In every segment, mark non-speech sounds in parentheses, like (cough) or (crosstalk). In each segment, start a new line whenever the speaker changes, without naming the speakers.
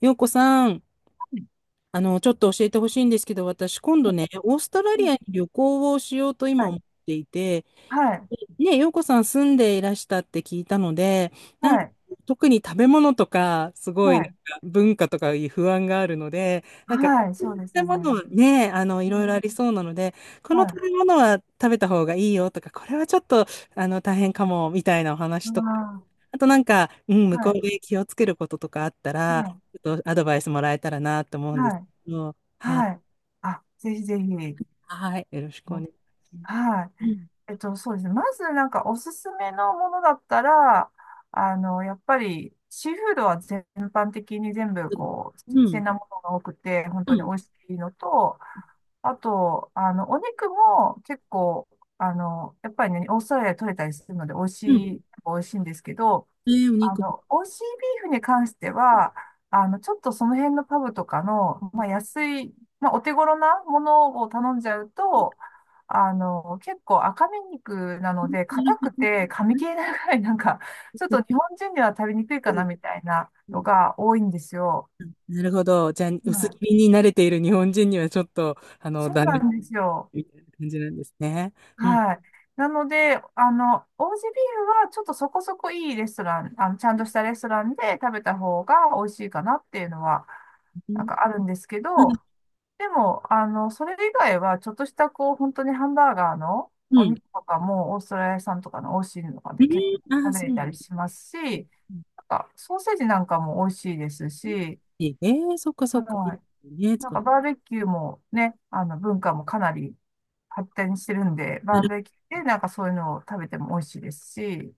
ようこさん、
ん
ちょっと教えてほしいんですけど、私、今度ね、オーストラリアに旅行をしようと今
は
思
い、
っていて、
はい、
ね、洋子さん住んでいらしたって聞いたので、
は
なんか、
い、
特に食べ物とか、す
は
ごい、なん
い、
か文化とかいう不安があるので、なんか、
はい、
食
そうです
べ
よね。
物はね、
う
いろい
ん。
ろありそうなので、こ
は
の食
い。
べ物は食べた方がいいよとか、これはちょっと、大変かも、みたいなお
う
話とか、
わ
あとなんか、うん、
ー。
向こ
は
う
い、
で気をつけることとかあったら、
は
ちょっとアドバイスもらえたらなと思う
い、
んです。
はい、
うん、は、
はい。あ、ぜひぜひ。
はい、よろしくお願い
う
します。
はい。
うん。
そうですね。まず、なんか、おすすめのものだったら、やっぱり、シーフードは全般的に全部、こう、新
うん。
鮮なものが多くて、本
う
当に美
ん。
味しいのと、あと、お肉も結構、やっぱりね、オーストラリアで取れたりするので、
うん。
美味しいんですけど、
えー、お肉。
美味しいビーフに関しては、ちょっとその辺のパブとかの、まあ、安い、まあ、お手頃なものを頼んじゃうと、結構赤身肉なので、硬くて噛み切れないぐらい、なんか、(laughs) ちょっと日本
な
人には食べにくい
るほ
か
ど。う
な
ん。
みたいなのが多いんですよ。
なるほど。じゃあ、
は
薄
い、
切りに慣れている日本人にはちょっと、
そう
ダ
な
メ
んですよ。
みたいな感じなんですね。うん。
はい。なので、オージービーフはちょっとそこそこいいレストラン、ちゃんとしたレストランで食べた方が美味しいかなっていうのは、
う
なん
ん。
かあるんですけ
う
ど、
ん。
でも、それ以外は、ちょっとした、こう、本当にハンバーガーの
う
お
ん。
肉とかも、オーストラリア産とかの美味しいのとか
え
で結
ー。あ
構
ー、
食べ
そう
れ
な
た
ん
り
だ。
しますし、なんか、ソーセージなんかも美味しいです
うん。
し、
えー、そっかそっか。いい
は
で
い。
すね、
なん
使っ
か
て。
バーベキューもね、あの文化もかなり発展してるんで、
な
バー
る
ベキューでなんかそういうのを食べても美味しいですし、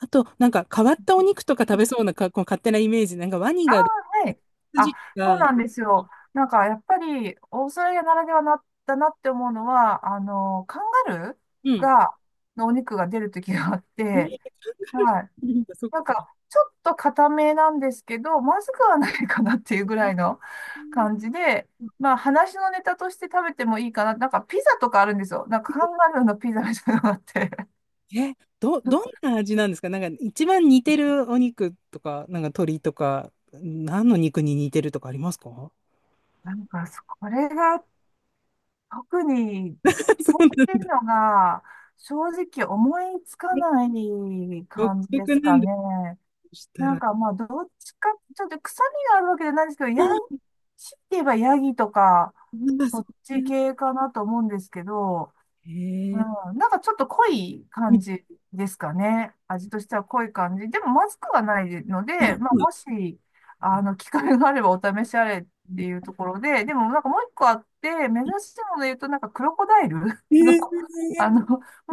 ほど。あと、なんか変わったお肉とか食べそうなか、こう勝手なイメージ。なんかワニ
ああ、
が、
はい。あ、
筋
そう
が、
なんですよ。なんかやっぱりオーストラリアならではなだなって思うのは、カンガル
う
ー
ん。
が、のお肉が出るときがあっ
え
て、
ー、
はい。
なんかそっ
なん
か。
か、ちょっと固めなんですけど、まずくはないかなっていうぐらいの感じで、まあ、話のネタとして食べてもいいかな。なんか、ピザとかあるんですよ。なんか、カンガルーのピザみたいなのがあって。
え、ど、どん
(laughs)
な味なんですか？なんか一番似てるお肉とか、なんか鶏とか、何の肉に似てるとかありますか？
なんか、これが特に、
(laughs) そ
こ
うなん
うい
だ。
うのが、正直思いつか
え、
ない
独
感じで
特
す
な
か
んだ
ね。
とした
な
ら。
ん
あ、
かまあ、どっちか、ちょっと臭みがあるわけじゃないですけど、ヤギ、強いて言えばヤギとか、
なんか
そ
そ
っ
う
ち
いう。
系かなと思うんですけど、
へえ。
うん、なんかちょっと濃い
う
感
ん。
じですかね。味としては濃い感じ。でもまずくはないの
あ、
で、まあ、もし、機会があればお試しあれっていうところで、でもなんかもう一個あって、珍しいもので言うと、なんかクロコダイル
え
(laughs) の、
ー、す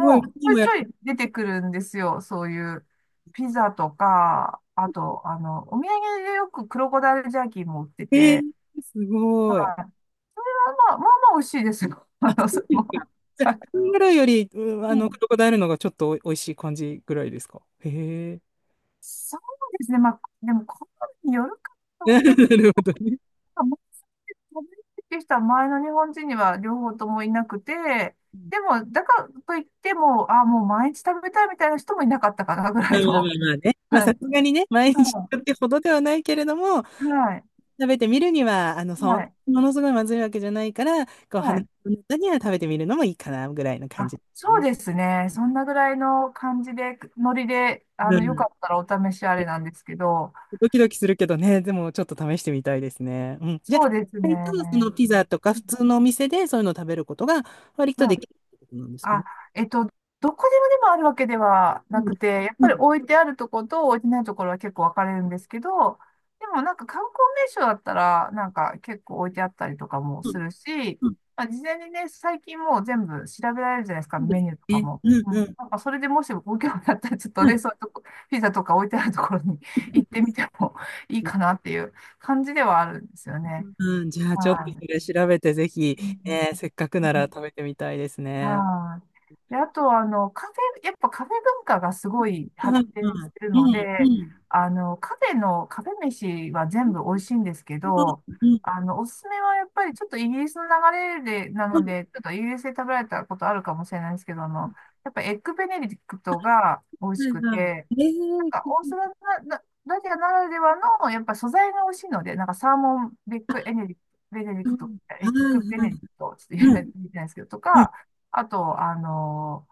ごい、ワニも
う
やっ
ちょいちょい出てくるんですよ。そういうピザとか、あと、お土産でよくクロコダイルジャーキーも売って
て、え
て、
ー、す
は
ごい。
い。それはまあ、まあまあ美味しいですよ。(laughs) あの、
そ
そ
う
れ
で
も。
すか。じゃ
はい。
あ、カンガルーより、うん、
う
ク
ん。
ロコダイルの方がちょっとおいしい感じぐらいですか？へえ。
そうですね。まあ、でも、好みによるか
(laughs)
と思
な
うんです
るほどね。
が、もう、食べるっていう人は前の日本人には両方ともいなくて、でも、だからといっても、あ、もう毎日食べたいみたいな人もいなかったかな、ぐら
まあま
い
あま
の。
あまあね。まあ、
は
さ
い。
すがにね、毎日
うん。
ってほどではないけれども、
はい。
食べてみるには、そん
はい。
ものすごいまずいわけじゃないから、こう、
は
話
い。
の中には食べてみるのもいいかな、ぐらいの感
あ、
じです
そう
ね。
ですね。そんなぐらいの感じで、ノリで、
う
よ
ん。
かったらお試しあれなんですけど、
ドキドキするけどね、でもちょっと試してみたいですね。うん。じゃ
そ
あ、
うですね。
割とそのピザとか
う
普
ん。
通のお店でそういうのを食べることが割と
は
で
い。
きるってことなんですか
あ、
ね？
えっと、どこでもでもあるわけでは
う
な
ん。
くて、やっぱ
う
り
ん。
置いてあるところと置いてないところは結構分かれるんですけど、でもなんか観光名所だったら、なんか結構置いてあったりとかも
う
す
ん。
るし、
うん。
まあ、事前にね、最近もう全部調べられるじゃないですか、
そうで
メ
す
ニューとか
ね。
も。
うん。
う
う
ん。
ん。
なんかそれでもしご興味あったら、ちょっと
う
ね、
ん。
そういうとこ、ピザとか置いてあるところに (laughs) 行ってみてもいいかなっていう感じではあるんですよね。
うん、じゃあちょっと
はい。
それ調べてぜひ、え
う
ー、せっかくなら食
ん。
べてみたいですね。
はい。で、あと、カフェ、やっぱカフェ文化がすごい
は
発
い
展
は
し
い。
てる
う
の
んう
で、
ん。
カフェの、カフェ飯は全部美味しいんですけ
う
ど、
んうん。
おすすめはやっぱりちょっとイギリスの流れで、な
は
の
い
で、ちょっとイギリスで食べられたことあるかもしれないですけど、やっぱエッグベネディクトが美味しく
は
て、
い。え
な
ー、
んか、オーストラリアな、らではの、やっぱ素材が美味しいので、なんかサーモンベックエネリ、ベネディ
う
クト、
ん。
エ
は
ッ
い
グベネ
は
デ
い。
ィクト、ちょっと
うん。
言えないですけど、と
うん。
か、あと、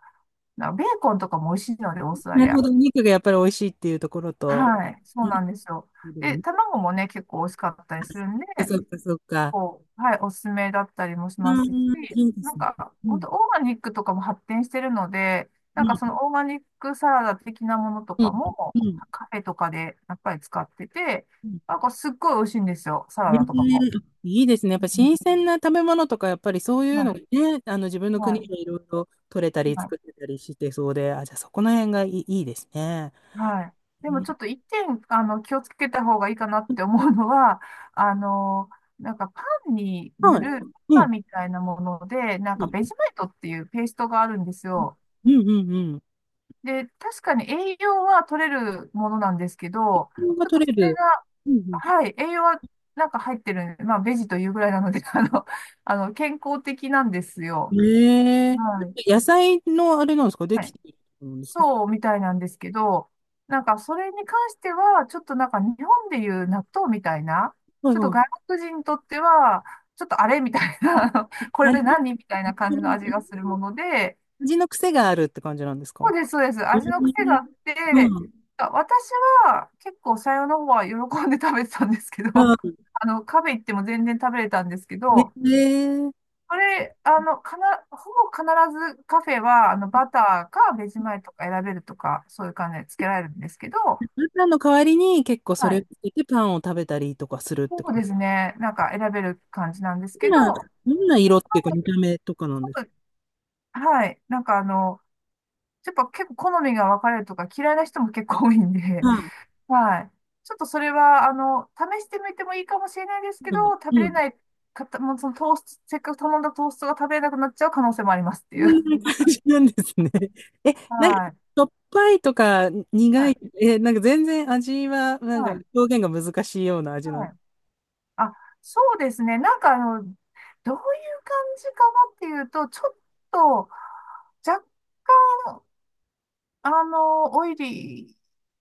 なんかベーコンとかも美味しいので、オーストラ
な
リ
るほ
ア。
ど。お肉がやっぱり美味しいっていうところと。
はい、そ
う
う
ん。
なんですよ。で、卵もね、結構美味しかったりするんで、
そっかそっかそっか。
こうはい、おすすめだったりもしま
う
す
ん、
し、
いいで
な
す
ん
ね。
か、
う
本
ん。
当オーガニックとかも発展してるので、な
う
ん
ん。
かそのオーガニックサラダ的なものと
うん。
かも、
う
カフェとかでやっぱり使ってて、
ん。
なんかすっごい美味しいんですよ、サ
う
ラダとかも。
ん、いいですね。やっ
う
ぱ
ん。
新鮮な食べ物とか、やっぱりそういう
は
のが
い、
ね、自分の
は
国で
い、
いろいろ取れたり
はい、
作れたりしてそうで、あ、じゃあそこの辺がいい、いいですね。
はい。で
う
も
ん。
ちょっと一点、気をつけた方がいいかなって思うのは、あの、なんかパンに
は
塗
い。
る、
う
パ
ん。
ンみたいなもので、なん
う
か
ん。
ベジマイトっていうペーストがあるんですよ。
うん。うん。うん。
で、確かに栄養は取れるものなんですけど、
が
ちょっと
取れ
それ
る。
が、
うん。
はい、栄養はなんか入ってる、まあ、ベジというぐらいなので、(laughs) 健康的なんです
う
よ。
ん。え
はい。
え、野菜のあれなんですか？で
は
き
い。
てるんですか？
そうみたいなんですけど、なんかそれに関しては、ちょっとなんか日本でいう納豆みたいな、
はい
ちょっと
は
外
い。
国人にとっては、ちょっとあれみたいな、(laughs) あのこれ
味、
何みたいな感じの味がするもので、
味の癖があるって感じなんです
そ
か？
うです、そうです。
う
味の癖があ
ん。
っ
う
て、
ん。
私は結構さよの方は喜んで食べてたんですけど、(laughs)
うん。
あの、カフェ行っても全然食べれたんですけ
ね
ど、
え、
これ、ほぼ必ずカフェは、バターかベジマイトか選べるとか、そういう感じでつけられるんですけど、
パンの代わりに結構そ
は
れをつ
い。
けてパンを食べたりとかするって
そ
こ
う
と？
ですね。なんか選べる感じなんです
どん
けど、
な、どんな色っていうか見た目とかなん
そ
ですか？
う。はい。なんかやっぱ結構好みが分かれるとか嫌いな人も結構多いんで、
はい。
はい。ちょっとそれは、試してみてもいいかもしれないですけ
う
ど、
ん。
食べ
う
れ
ん。
ない方、もそのトースト、せっかく頼んだトーストが食べれなくなっちゃう可能性もありますって
そ
い
ん
う。(laughs)
な感じなんですね。(laughs) え、なんか、し
はい。
ょっぱいとか
は
苦い、
い。
え、なんか全然味は、なんか
はい。
表現が難しいような味なん
は
で
い。
す。
あ、そうですね。なんかあの、どういう感じかなっていうと、ちょっと、若干、あの、オイリー、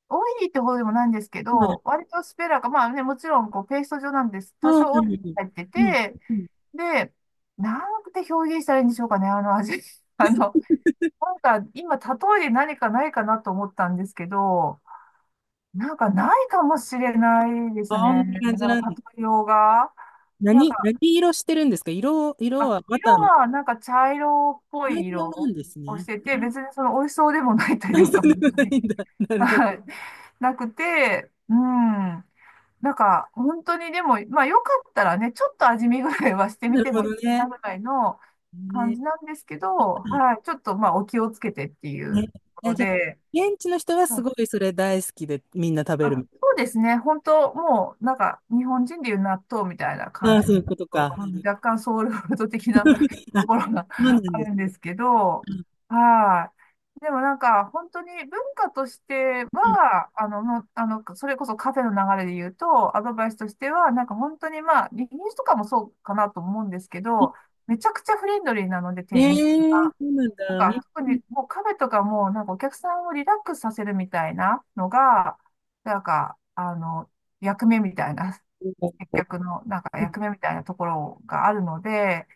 オイリーってほどでもないんですけ
うん。
ど、割とスペラが、まあね、もちろん、こう、ペースト状なんです。多
そう
少
な
オ
ん
イ
で
ル
す
も
よ。
入って
うん。
て、
うん。
で、なんて表現したらいいんでしょうかね、あの味。(laughs) あの、なんか今、例えで何かないかなと思ったんですけど、なんかないかもしれないで
あ、
す
こん
ね。
な感じ
なん
なん
か
です。
例えようが。なん
何、
か、
何色してるんですか？色
あ、
はバ
色
ターの、
が茶色っぽ
何
い
色な
色
んです
をし
ね。
てて、別にその美味しそうでもないと
あ、
いう
そう
か。
でもないんだ。なるほ
は
ど。
い。なくて、うん。本当にでも、まあよかったらね、ちょっと味見ぐらいはしてみ
なる
て
ほ
もいい
ど
か
ね。
なぐらいの感
ね。
じなんですけど、
うん。
はい、ちょっとまあお気をつけてっていう
ね、
とこ
え、
ろ
じゃあ、
で、
現地の人は
は
す
い。
ごいそれ大好きでみんな食べる
あ、
みた
そう
い
ですね、本当もうなんか日本人でいう納豆みたいな
な？
感
ああ、
じ
そ
の、
ういうことか。
うん、若干ソウルフード的な (laughs)
あ、
と
そ
ころが
うなん
あ
です。
るんですけど、はい。でも本当に文化としては、あの、もうあの、それこそカフェの流れで言うと、アドバイスとしては、本当にまあ、イギリスとかもそうかなと思うんですけど、めちゃくちゃフレンドリーなので、
え
店
え
員さん、
ー、そうなんだ。うん。
特にもうカフェとかも、お客さんをリラックスさせるみたいなのが、なんか、あの、役目みたいな、接客の、役目みたいなところがあるので、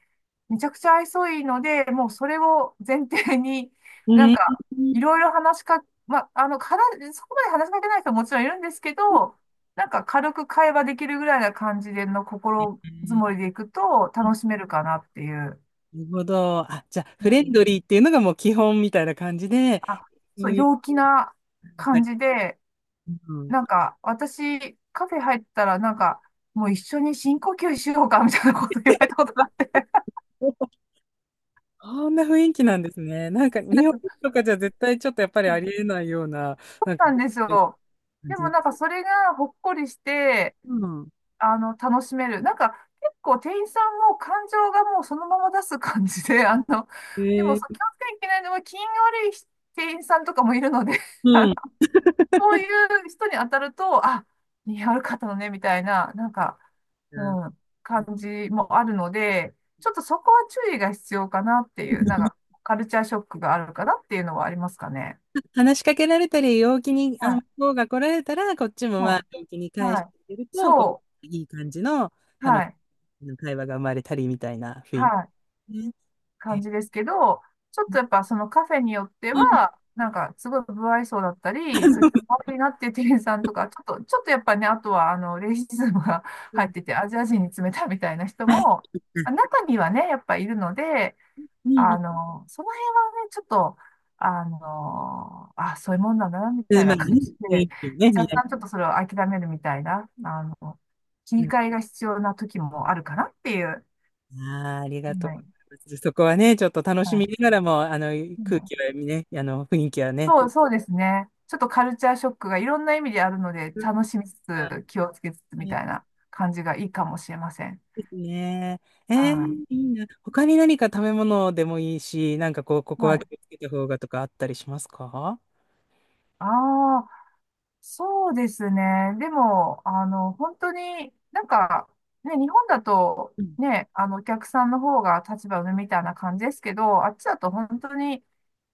めちゃくちゃ愛想いいので、もうそれを前提に、
う
な
ん。
んか、
う
いろい
ん。
ろ話しか、ま、あの、話、そこまで話しかけない人ももちろんいるんですけど、軽く会話できるぐらいな感じでの心づもりでいくと楽しめるかなっていう。
なるほど。あ、じゃあ、フレンドリーっていうのがもう基本みたいな感じで、
あ、
そ
そ
う
う、
いう、
陽気な
は
感
い。
じで、
うん。
私、カフェ入ったら、もう一緒に深呼吸しようか、みたいなこと言われたことがあっ
こんな雰囲気なんですね。なんか、
た
日
んで
本
すよ。
とかじゃ絶対ちょっとやっぱり
そ
あ
う
りえないような、なんか、
なんですよ。
感
で
じ
も、
の。
それがほっこりして、
うん。
あの、楽しめる。結構店員さんも感情がもうそのまま出す感じで、あの、
え
でもそう、
ー、
気をつけなきゃいけないのは、気が悪い店員さんとかもいるので (laughs)
う
あ、
ん。
そういう人に当たると、あ、似合う方かったのね、みたいな、
う
う
ん、
感じもあるので、ちょっとそこは注意が必要かなっていう、カルチャーショックがあるかなっていうのはありますかね。
話しかけられたり、陽気に、
は
向
い、
こうが来られたら、こっちもま
は
あ、陽気に
い、
返し
は
て
い。
あげると、こ
そ
う、いい感じの
う、
楽し
はい、
い会話が生まれたりみたいな雰囲
はい。
気ね。
感
え、
じですけど、ちょっとやっぱそのカフェによって
うん。
は、すごい不愛想だったり、ちょっと気悪いなっていう店員さんとか、ちょっとやっぱね、あとはあの、レイシズムが (laughs)
う
入
ん。
ってて、アジア人に冷たいみたいな人
は、
も、
うん。
あ、中にはね、やっぱいるので、
うん。
あの、その辺はね、ちょっと、あの、あ、そういうもんなんだな、み
う
たい
ん、まあ
な感
ね、
じ
雰
で、
囲気ね、見
若
られ
干ちょっとそれを諦めるみたいな、あの、切
る。う
り
ん。
替えが必要な時もあるかなっていう。
ああ、ありがとう
は
ご
い。
ざいます。そこはね、ちょっと楽し
は
み
い。
ながらも、
は
空
い。
気はね、雰囲気はね。
そう、そうですね。ちょっとカルチャーショックがいろんな意味であるので、
うん、
楽しみつつ、気をつけつつみたいな感じがいいかもしれません。
ですね。え
は
ー、いいな。他に何か食べ物でもいいし、なんかこう、こ
い。
こは
は
気
い。
をつけた方がとかあったりしますか？
ああ、そうですね。でも、あの、本当にね、日本だと、
うん。
ね、あの、お客さんの方が立場上みたいな感じですけど、あっちだと本当に、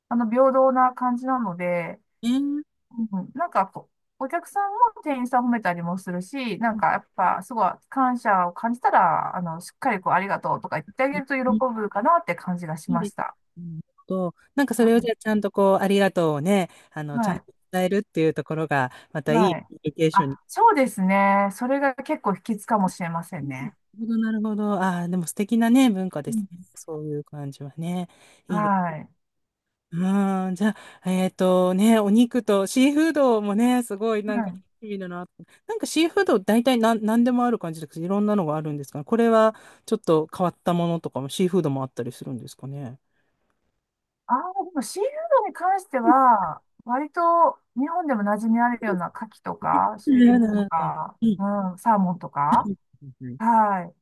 あの、平等な感じなので、
えー。
うん、お客さんも店員さんを褒めたりもするし、
うん。
やっぱすごい感謝を感じたら、あの、しっかりこうありがとうとか言ってあげると喜ぶかなって感じがし
いい
ま
で
し
す
た。
ね。と、なんかそ
う
れをじ
ん、
ゃあちゃんとこう、ありがとうをね、ちゃ
は
ん
い。
と伝えるっていうところが、またいい
は
コ
い。
ミュニケーション
あ、
に。
そうですね。それが結構秘訣かもしれませんね。
うん、なるほど、なるほど。ああ、でも素敵なね、文化で
う
すね。
ん。
そういう感じはね。いいですね。
はい。
うん。じゃあ、お肉とシーフードもね、すごい
は
なんか楽
い。
しみだな。なんかシーフード大体何でもある感じですけど、いろんなのがあるんですかね？これはちょっと変わったものとかも、シーフードもあったりするんですかね？
ああ、でもシーフードに関しては、割と日本でも馴染みあるような牡蠣とか、
う
シュリ
ん、
ンプ
ん、
と
う
か、
ん。
うん、サーモンとか、
うん。
はい。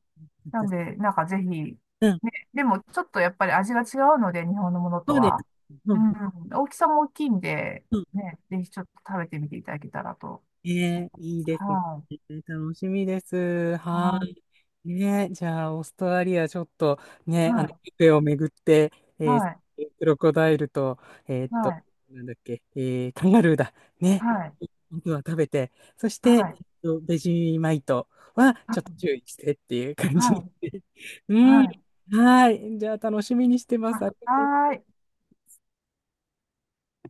な
う
ん
ん。
で、ぜひ、ね、
うん、
でもちょっとやっぱり味が違うので、日本のもの
そ
と
うです。
は。
う
う
ん。
ん、大きさも大きいんで、ね、ぜひちょっと食べてみていただけたらと。
ねえ、いいですね。
はい。
楽しみです。はい。ねえ、じゃあ、オーストラリア、ちょっとね、
はい。
ビュッフェを巡って、えー
はい。
クロコダイルと、えーっ
は
と、
い。
なんだっけ、カンガルーだ。ね。
はい。
本当は食べて、そして、
はい。
ベジマイトは
は
ち
い。
ょっと注意してっていう感
は
じで。
い。
(laughs)
は
う
い。
ん。
はい。
はい。じゃあ、楽しみにしてま
は
す。
い。
ありがとう
はい。